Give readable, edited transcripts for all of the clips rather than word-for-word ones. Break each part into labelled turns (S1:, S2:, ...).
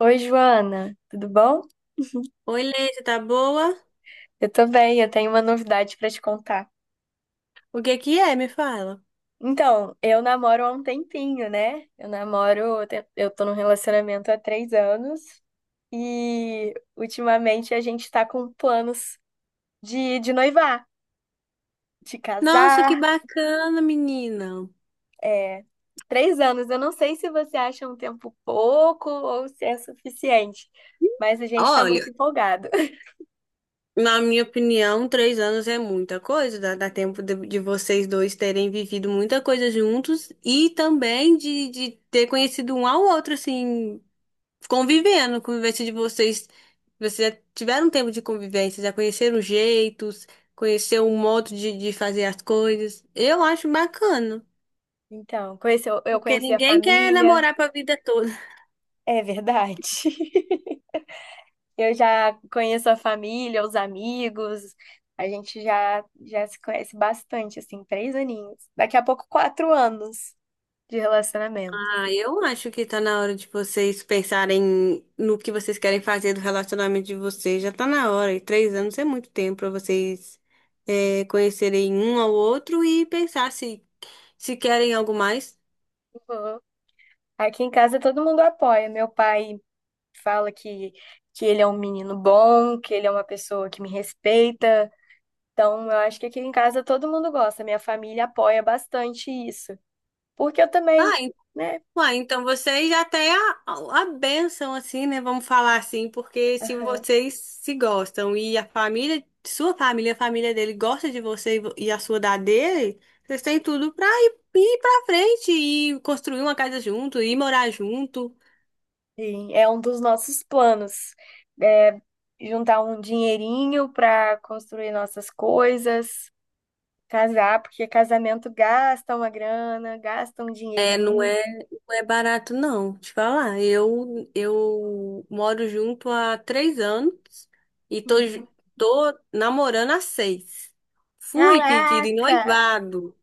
S1: Oi, Joana, tudo bom?
S2: Oi, Leite, tá boa?
S1: Eu tô bem, eu tenho uma novidade pra te contar.
S2: O que que é? Me fala.
S1: Então, eu namoro há um tempinho, né? Eu namoro, eu te- eu tô num relacionamento há 3 anos e ultimamente a gente tá com planos de noivar, de
S2: Nossa, que
S1: casar.
S2: bacana, menina.
S1: É, 3 anos, eu não sei se você acha um tempo pouco ou se é suficiente, mas a gente tá
S2: Olha,
S1: muito empolgado.
S2: na minha opinião, 3 anos é muita coisa. Dá tempo de vocês dois terem vivido muita coisa juntos e também de ter conhecido um ao outro, assim, convivendo, convivência de vocês. Vocês já tiveram tempo de convivência, já conheceram jeitos, conheceram um modo de fazer as coisas. Eu acho bacana,
S1: Então, eu
S2: porque
S1: conheci a
S2: ninguém quer
S1: família,
S2: namorar pra vida toda.
S1: é verdade. Eu já conheço a família, os amigos, a gente já se conhece bastante, assim, 3 aninhos. Daqui a pouco, 4 anos de relacionamento.
S2: Ah, eu acho que tá na hora de vocês pensarem no que vocês querem fazer do relacionamento de vocês. Já tá na hora, e 3 anos é muito tempo pra vocês conhecerem um ao outro e pensar se querem algo mais.
S1: Uhum. Aqui em casa todo mundo apoia. Meu pai fala que ele é um menino bom, que ele é uma pessoa que me respeita. Então, eu acho que aqui em casa todo mundo gosta. Minha família apoia bastante isso. Porque eu também,
S2: Ah,
S1: né?
S2: ué, então vocês já têm a bênção, assim, né? Vamos falar assim, porque se vocês se gostam e a família, sua família, a família dele gosta de você e e a sua da dele, vocês têm tudo pra ir pra frente e construir uma casa junto, e morar junto.
S1: Sim, é um dos nossos planos. É juntar um dinheirinho para construir nossas coisas, casar, porque casamento gasta uma grana, gasta um
S2: É, não
S1: dinheirinho.
S2: é, não é barato, não, te falar. Eu moro junto há 3 anos e
S1: Uhum.
S2: tô namorando há seis. Fui pedir em
S1: Caraca!
S2: noivado.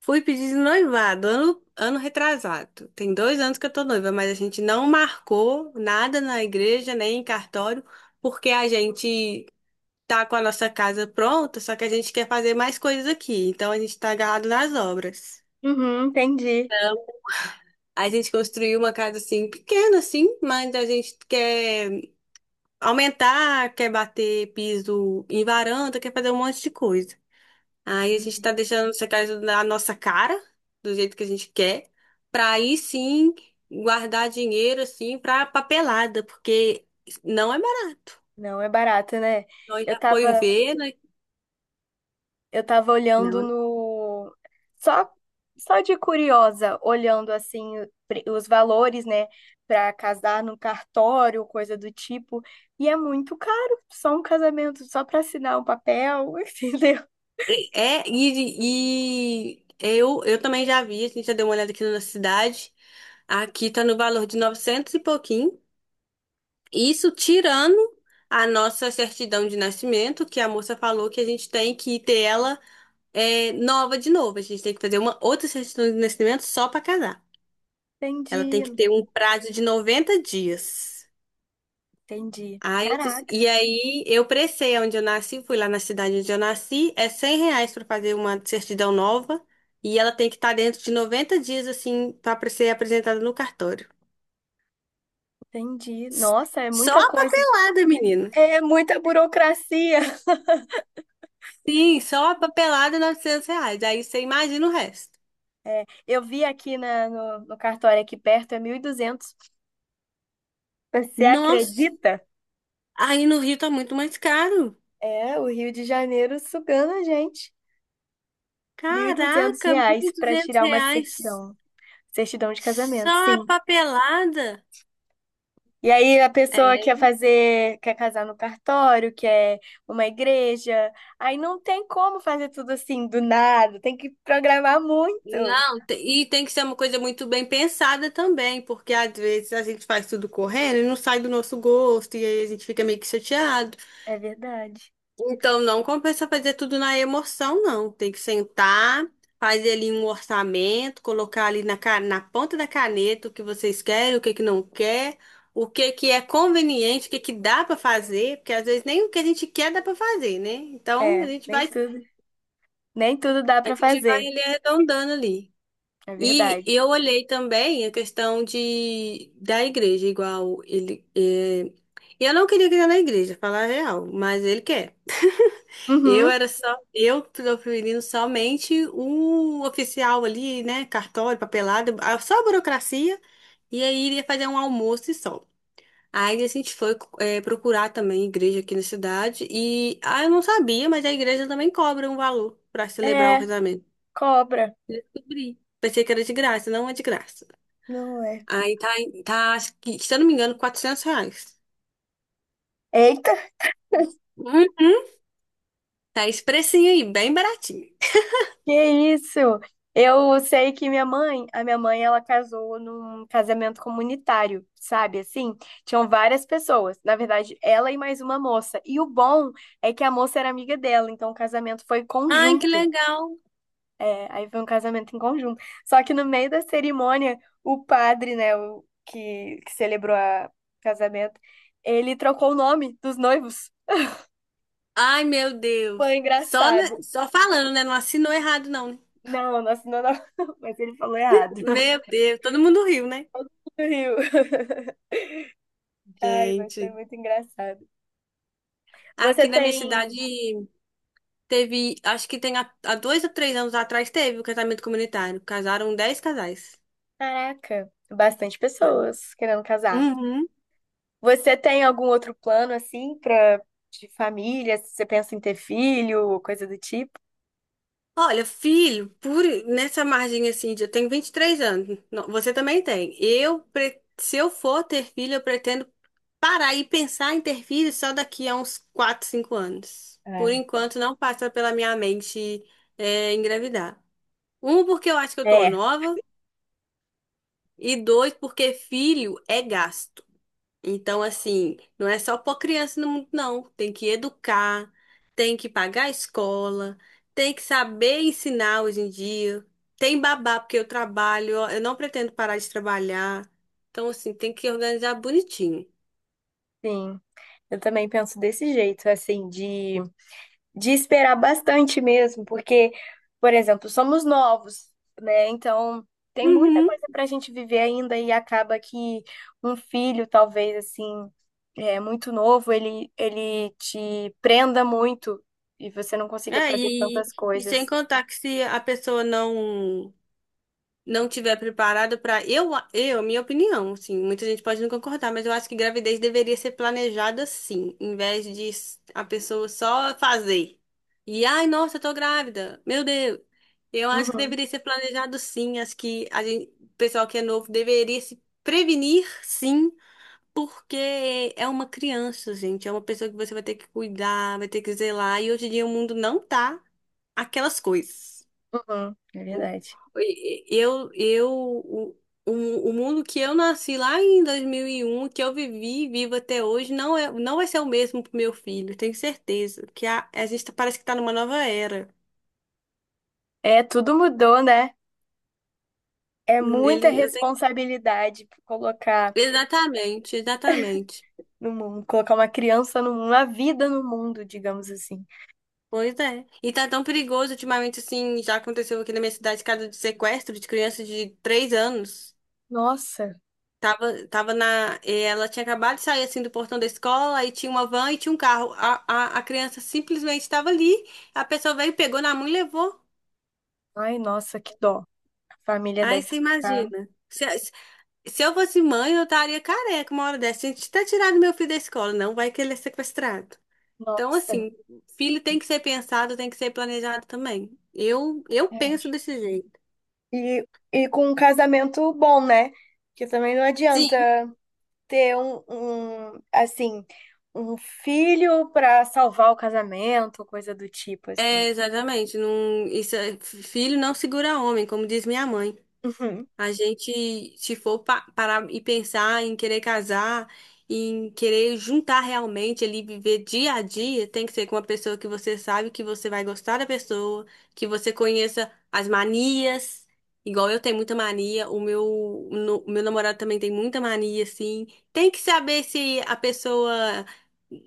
S2: Fui pedir de noivado, ano retrasado. Tem 2 anos que eu tô noiva, mas a gente não marcou nada na igreja, nem em cartório, porque a gente tá com a nossa casa pronta, só que a gente quer fazer mais coisas aqui. Então a gente tá agarrado nas obras.
S1: Uhum, entendi.
S2: Então a gente construiu uma casa assim, pequena assim, mas a gente quer aumentar, quer bater piso em varanda, quer fazer um monte de coisa. Aí a gente tá
S1: Entendi.
S2: deixando secar isso na nossa cara, do jeito que a gente quer, pra aí sim guardar dinheiro assim pra papelada, porque não é
S1: Não é barato, né?
S2: maravilhoso,
S1: Eu
S2: já foi
S1: tava
S2: ver, né?
S1: Eu tava olhando
S2: Não.
S1: no. Só, só de curiosa, olhando assim os valores, né, pra casar no cartório, coisa do tipo. E é muito caro, só um casamento, só pra assinar um papel, entendeu?
S2: É, e eu também já vi, a gente já deu uma olhada aqui na nossa cidade. Aqui tá no valor de 900 e pouquinho. Isso tirando a nossa certidão de nascimento, que a moça falou que a gente tem que ter ela é nova de novo. A gente tem que fazer uma outra certidão de nascimento só para casar. Ela tem
S1: Entendi,
S2: que ter um prazo de 90 dias.
S1: entendi.
S2: Aí eu disse-
S1: Caraca,
S2: e aí eu pressei onde eu nasci, fui lá na cidade onde eu nasci, é R$ 100 para fazer uma certidão nova e ela tem que estar dentro de 90 dias assim para ser apresentada no cartório.
S1: entendi.
S2: S-
S1: Nossa, é
S2: Só
S1: muita
S2: a
S1: coisa.
S2: papelada, menina.
S1: É muita burocracia.
S2: Sim, só a papelada R$ 900. Aí você imagina o resto.
S1: É, eu vi aqui na, no, no cartório aqui perto, é 1.200. Você
S2: Nossa,
S1: acredita?
S2: aí no Rio tá muito mais caro.
S1: É, o Rio de Janeiro sugando a gente. mil e duzentos
S2: Caraca, mil
S1: reais
S2: e
S1: para
S2: duzentos
S1: tirar uma
S2: reais
S1: certidão. Certidão de casamento,
S2: só a
S1: sim.
S2: papelada.
S1: E aí a pessoa quer fazer, quer casar no cartório, quer uma igreja. Aí não tem como fazer tudo assim do nada, tem que programar muito.
S2: Não, e tem que ser uma coisa muito bem pensada também, porque às vezes a gente faz tudo correndo e não sai do nosso gosto, e aí a gente fica meio que chateado.
S1: É verdade.
S2: Então, não compensa fazer tudo na emoção, não. Tem que sentar, fazer ali um orçamento, colocar ali na ponta da caneta o que vocês querem, o que que não quer, o que que é conveniente, o que que dá para fazer, porque às vezes nem o que a gente quer dá para fazer, né? Então,
S1: É, nem tudo, nem tudo dá
S2: a
S1: para
S2: gente vai
S1: fazer.
S2: ali arredondando ali.
S1: É
S2: E
S1: verdade.
S2: eu olhei também a questão de, da igreja, igual ele. Eu não queria criar na igreja, falar a real, mas ele quer. Eu
S1: Uhum.
S2: era só, eu proferindo somente o oficial ali, né? Cartório, papelada, só a burocracia, e aí iria fazer um almoço e só. Aí a gente foi procurar também igreja aqui na cidade, e ah, eu não sabia, mas a igreja também cobra um valor para celebrar o
S1: É,
S2: casamento.
S1: cobra.
S2: Descobri. Pensei que era de graça, não é de graça.
S1: Não é.
S2: Aí tá, tá, acho que, se eu não me engano, R$ 400.
S1: Eita.
S2: Uhum. Tá esse precinho aí, bem baratinho.
S1: Que isso? Eu sei que minha mãe, a minha mãe, ela casou num casamento comunitário, sabe? Assim, tinham várias pessoas. Na verdade, ela e mais uma moça. E o bom é que a moça era amiga dela, então o casamento foi
S2: Ai, que
S1: conjunto.
S2: legal.
S1: É, aí foi um casamento em conjunto. Só que no meio da cerimônia, o padre, né, o que celebrou o casamento, ele trocou o nome dos noivos.
S2: Ai, meu
S1: Foi
S2: Deus. Só,
S1: engraçado.
S2: só falando, né? Não assinou errado, não. Né?
S1: Não, nossa, não, não, mas ele falou errado.
S2: Meu Deus, todo mundo riu, né?
S1: Rio. Ai, mas foi
S2: Gente,
S1: muito engraçado. Você
S2: aqui na minha cidade
S1: tem,
S2: teve, acho que tem há 2 ou 3 anos atrás teve o casamento comunitário. Casaram 10 casais.
S1: caraca, bastante
S2: Olha.
S1: pessoas querendo casar.
S2: Uhum.
S1: Você tem algum outro plano assim para de família? Se você pensa em ter filho ou coisa do tipo?
S2: Olha, filho, por nessa margem assim, eu tenho 23 anos. Não, você também tem. Se eu for ter filho, eu pretendo parar e pensar em ter filho só daqui a uns 4, 5 anos. Por
S1: É.
S2: enquanto, não passa pela minha mente, engravidar. Um, porque eu acho que eu tô
S1: É,
S2: nova, e dois, porque filho é gasto. Então, assim, não é só pôr criança no mundo, não. Tem que educar, tem que pagar a escola, tem que saber ensinar hoje em dia. Tem babá, porque eu trabalho, ó, eu não pretendo parar de trabalhar. Então, assim, tem que organizar bonitinho.
S1: sim. Eu também penso desse jeito, assim, de esperar bastante mesmo, porque, por exemplo, somos novos, né? Então, tem muita
S2: Uhum.
S1: coisa para a gente viver ainda e acaba que um filho, talvez assim, é muito novo, ele te prenda muito e você não consiga
S2: É,
S1: fazer
S2: e,
S1: tantas
S2: e sem
S1: coisas.
S2: contar que se a pessoa não tiver preparado para minha opinião, assim, muita gente pode não concordar, mas eu acho que gravidez deveria ser planejada sim, em vez de a pessoa só fazer. E ai, nossa, eu tô grávida. Meu Deus. Eu acho que
S1: Uhum,
S2: deveria ser planejado sim, acho que a gente, o pessoal que é novo deveria se prevenir sim, porque é uma criança, gente, é uma pessoa que você vai ter que cuidar, vai ter que zelar, e hoje em dia o mundo não tá aquelas coisas.
S1: uhum, é
S2: O-
S1: verdade.
S2: e- eu, o mundo que eu nasci lá em 2001 que eu vivi e vivo até hoje, não é, não vai ser o mesmo pro meu filho, tenho certeza. Que a gente parece que tá numa nova era.
S1: É, tudo mudou, né? É muita
S2: Ele, eu tenho...
S1: responsabilidade colocar
S2: Exatamente, exatamente.
S1: no mundo, colocar uma criança no mundo, uma vida no mundo, digamos assim.
S2: Pois é. E tá tão perigoso ultimamente, assim, já aconteceu aqui na minha cidade, caso de sequestro de crianças de 3 anos.
S1: Nossa.
S2: Tava, tava na. E Ela tinha acabado de sair assim do portão da escola, aí tinha uma van e tinha um carro. A criança simplesmente estava ali, a pessoa veio, pegou na mão e levou.
S1: Ai, nossa, que dó. A família
S2: Aí
S1: deve
S2: você
S1: ficar.
S2: imagina. Se eu fosse mãe, eu estaria careca uma hora dessa. Gente, tá tirando meu filho da escola, não vai que ele é sequestrado. Então,
S1: Nossa.
S2: assim, filho tem que ser pensado, tem que ser planejado também. Eu
S1: É.
S2: penso desse jeito.
S1: E, e com um casamento bom, né? Porque também não adianta
S2: Sim,
S1: ter assim, um filho pra salvar o casamento, coisa do tipo, assim.
S2: é, exatamente. Não, isso, filho não segura homem, como diz minha mãe.
S1: Uhum.
S2: A gente, se for parar e pensar em querer casar, em querer juntar realmente ali, viver dia a dia, tem que ser com uma pessoa que você sabe que você vai gostar da pessoa, que você conheça as manias. Igual eu tenho muita mania, o meu, o meu namorado também tem muita mania, assim. Tem que saber se a pessoa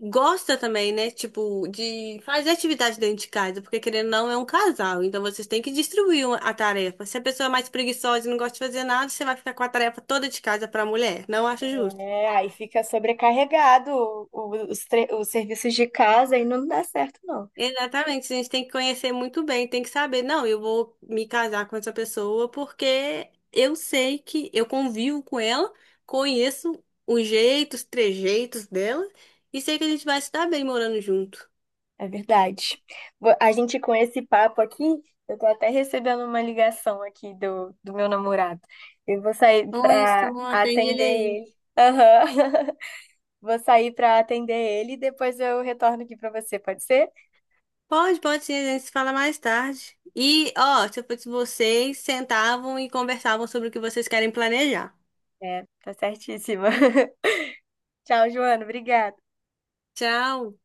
S2: gosta também, né? Tipo, de fazer atividade dentro de casa, porque querendo ou não, é um casal. Então vocês têm que distribuir a tarefa. Se a pessoa é mais preguiçosa e não gosta de fazer nada, você vai ficar com a tarefa toda de casa para a mulher. Não acho justo.
S1: É, aí fica sobrecarregado os serviços de casa e não dá certo, não.
S2: Exatamente, a gente tem que conhecer muito bem, tem que saber, não, eu vou me casar com essa pessoa porque eu sei que eu convivo com ela, conheço os jeitos, trejeitos dela e sei que a gente vai se dar bem morando junto.
S1: É verdade. A gente com esse papo aqui, eu tô até recebendo uma ligação aqui do meu namorado. Eu vou sair
S2: Olha só,
S1: pra
S2: atende ele
S1: atender
S2: aí.
S1: ele. Aham. Vou sair pra atender ele e depois eu retorno aqui pra você, pode ser?
S2: Pode, pode sim, a gente se fala mais tarde. E, ó, se eu fosse vocês, sentavam e conversavam sobre o que vocês querem planejar.
S1: É, tá certíssima. Tchau, Joana. Obrigada.
S2: Tchau!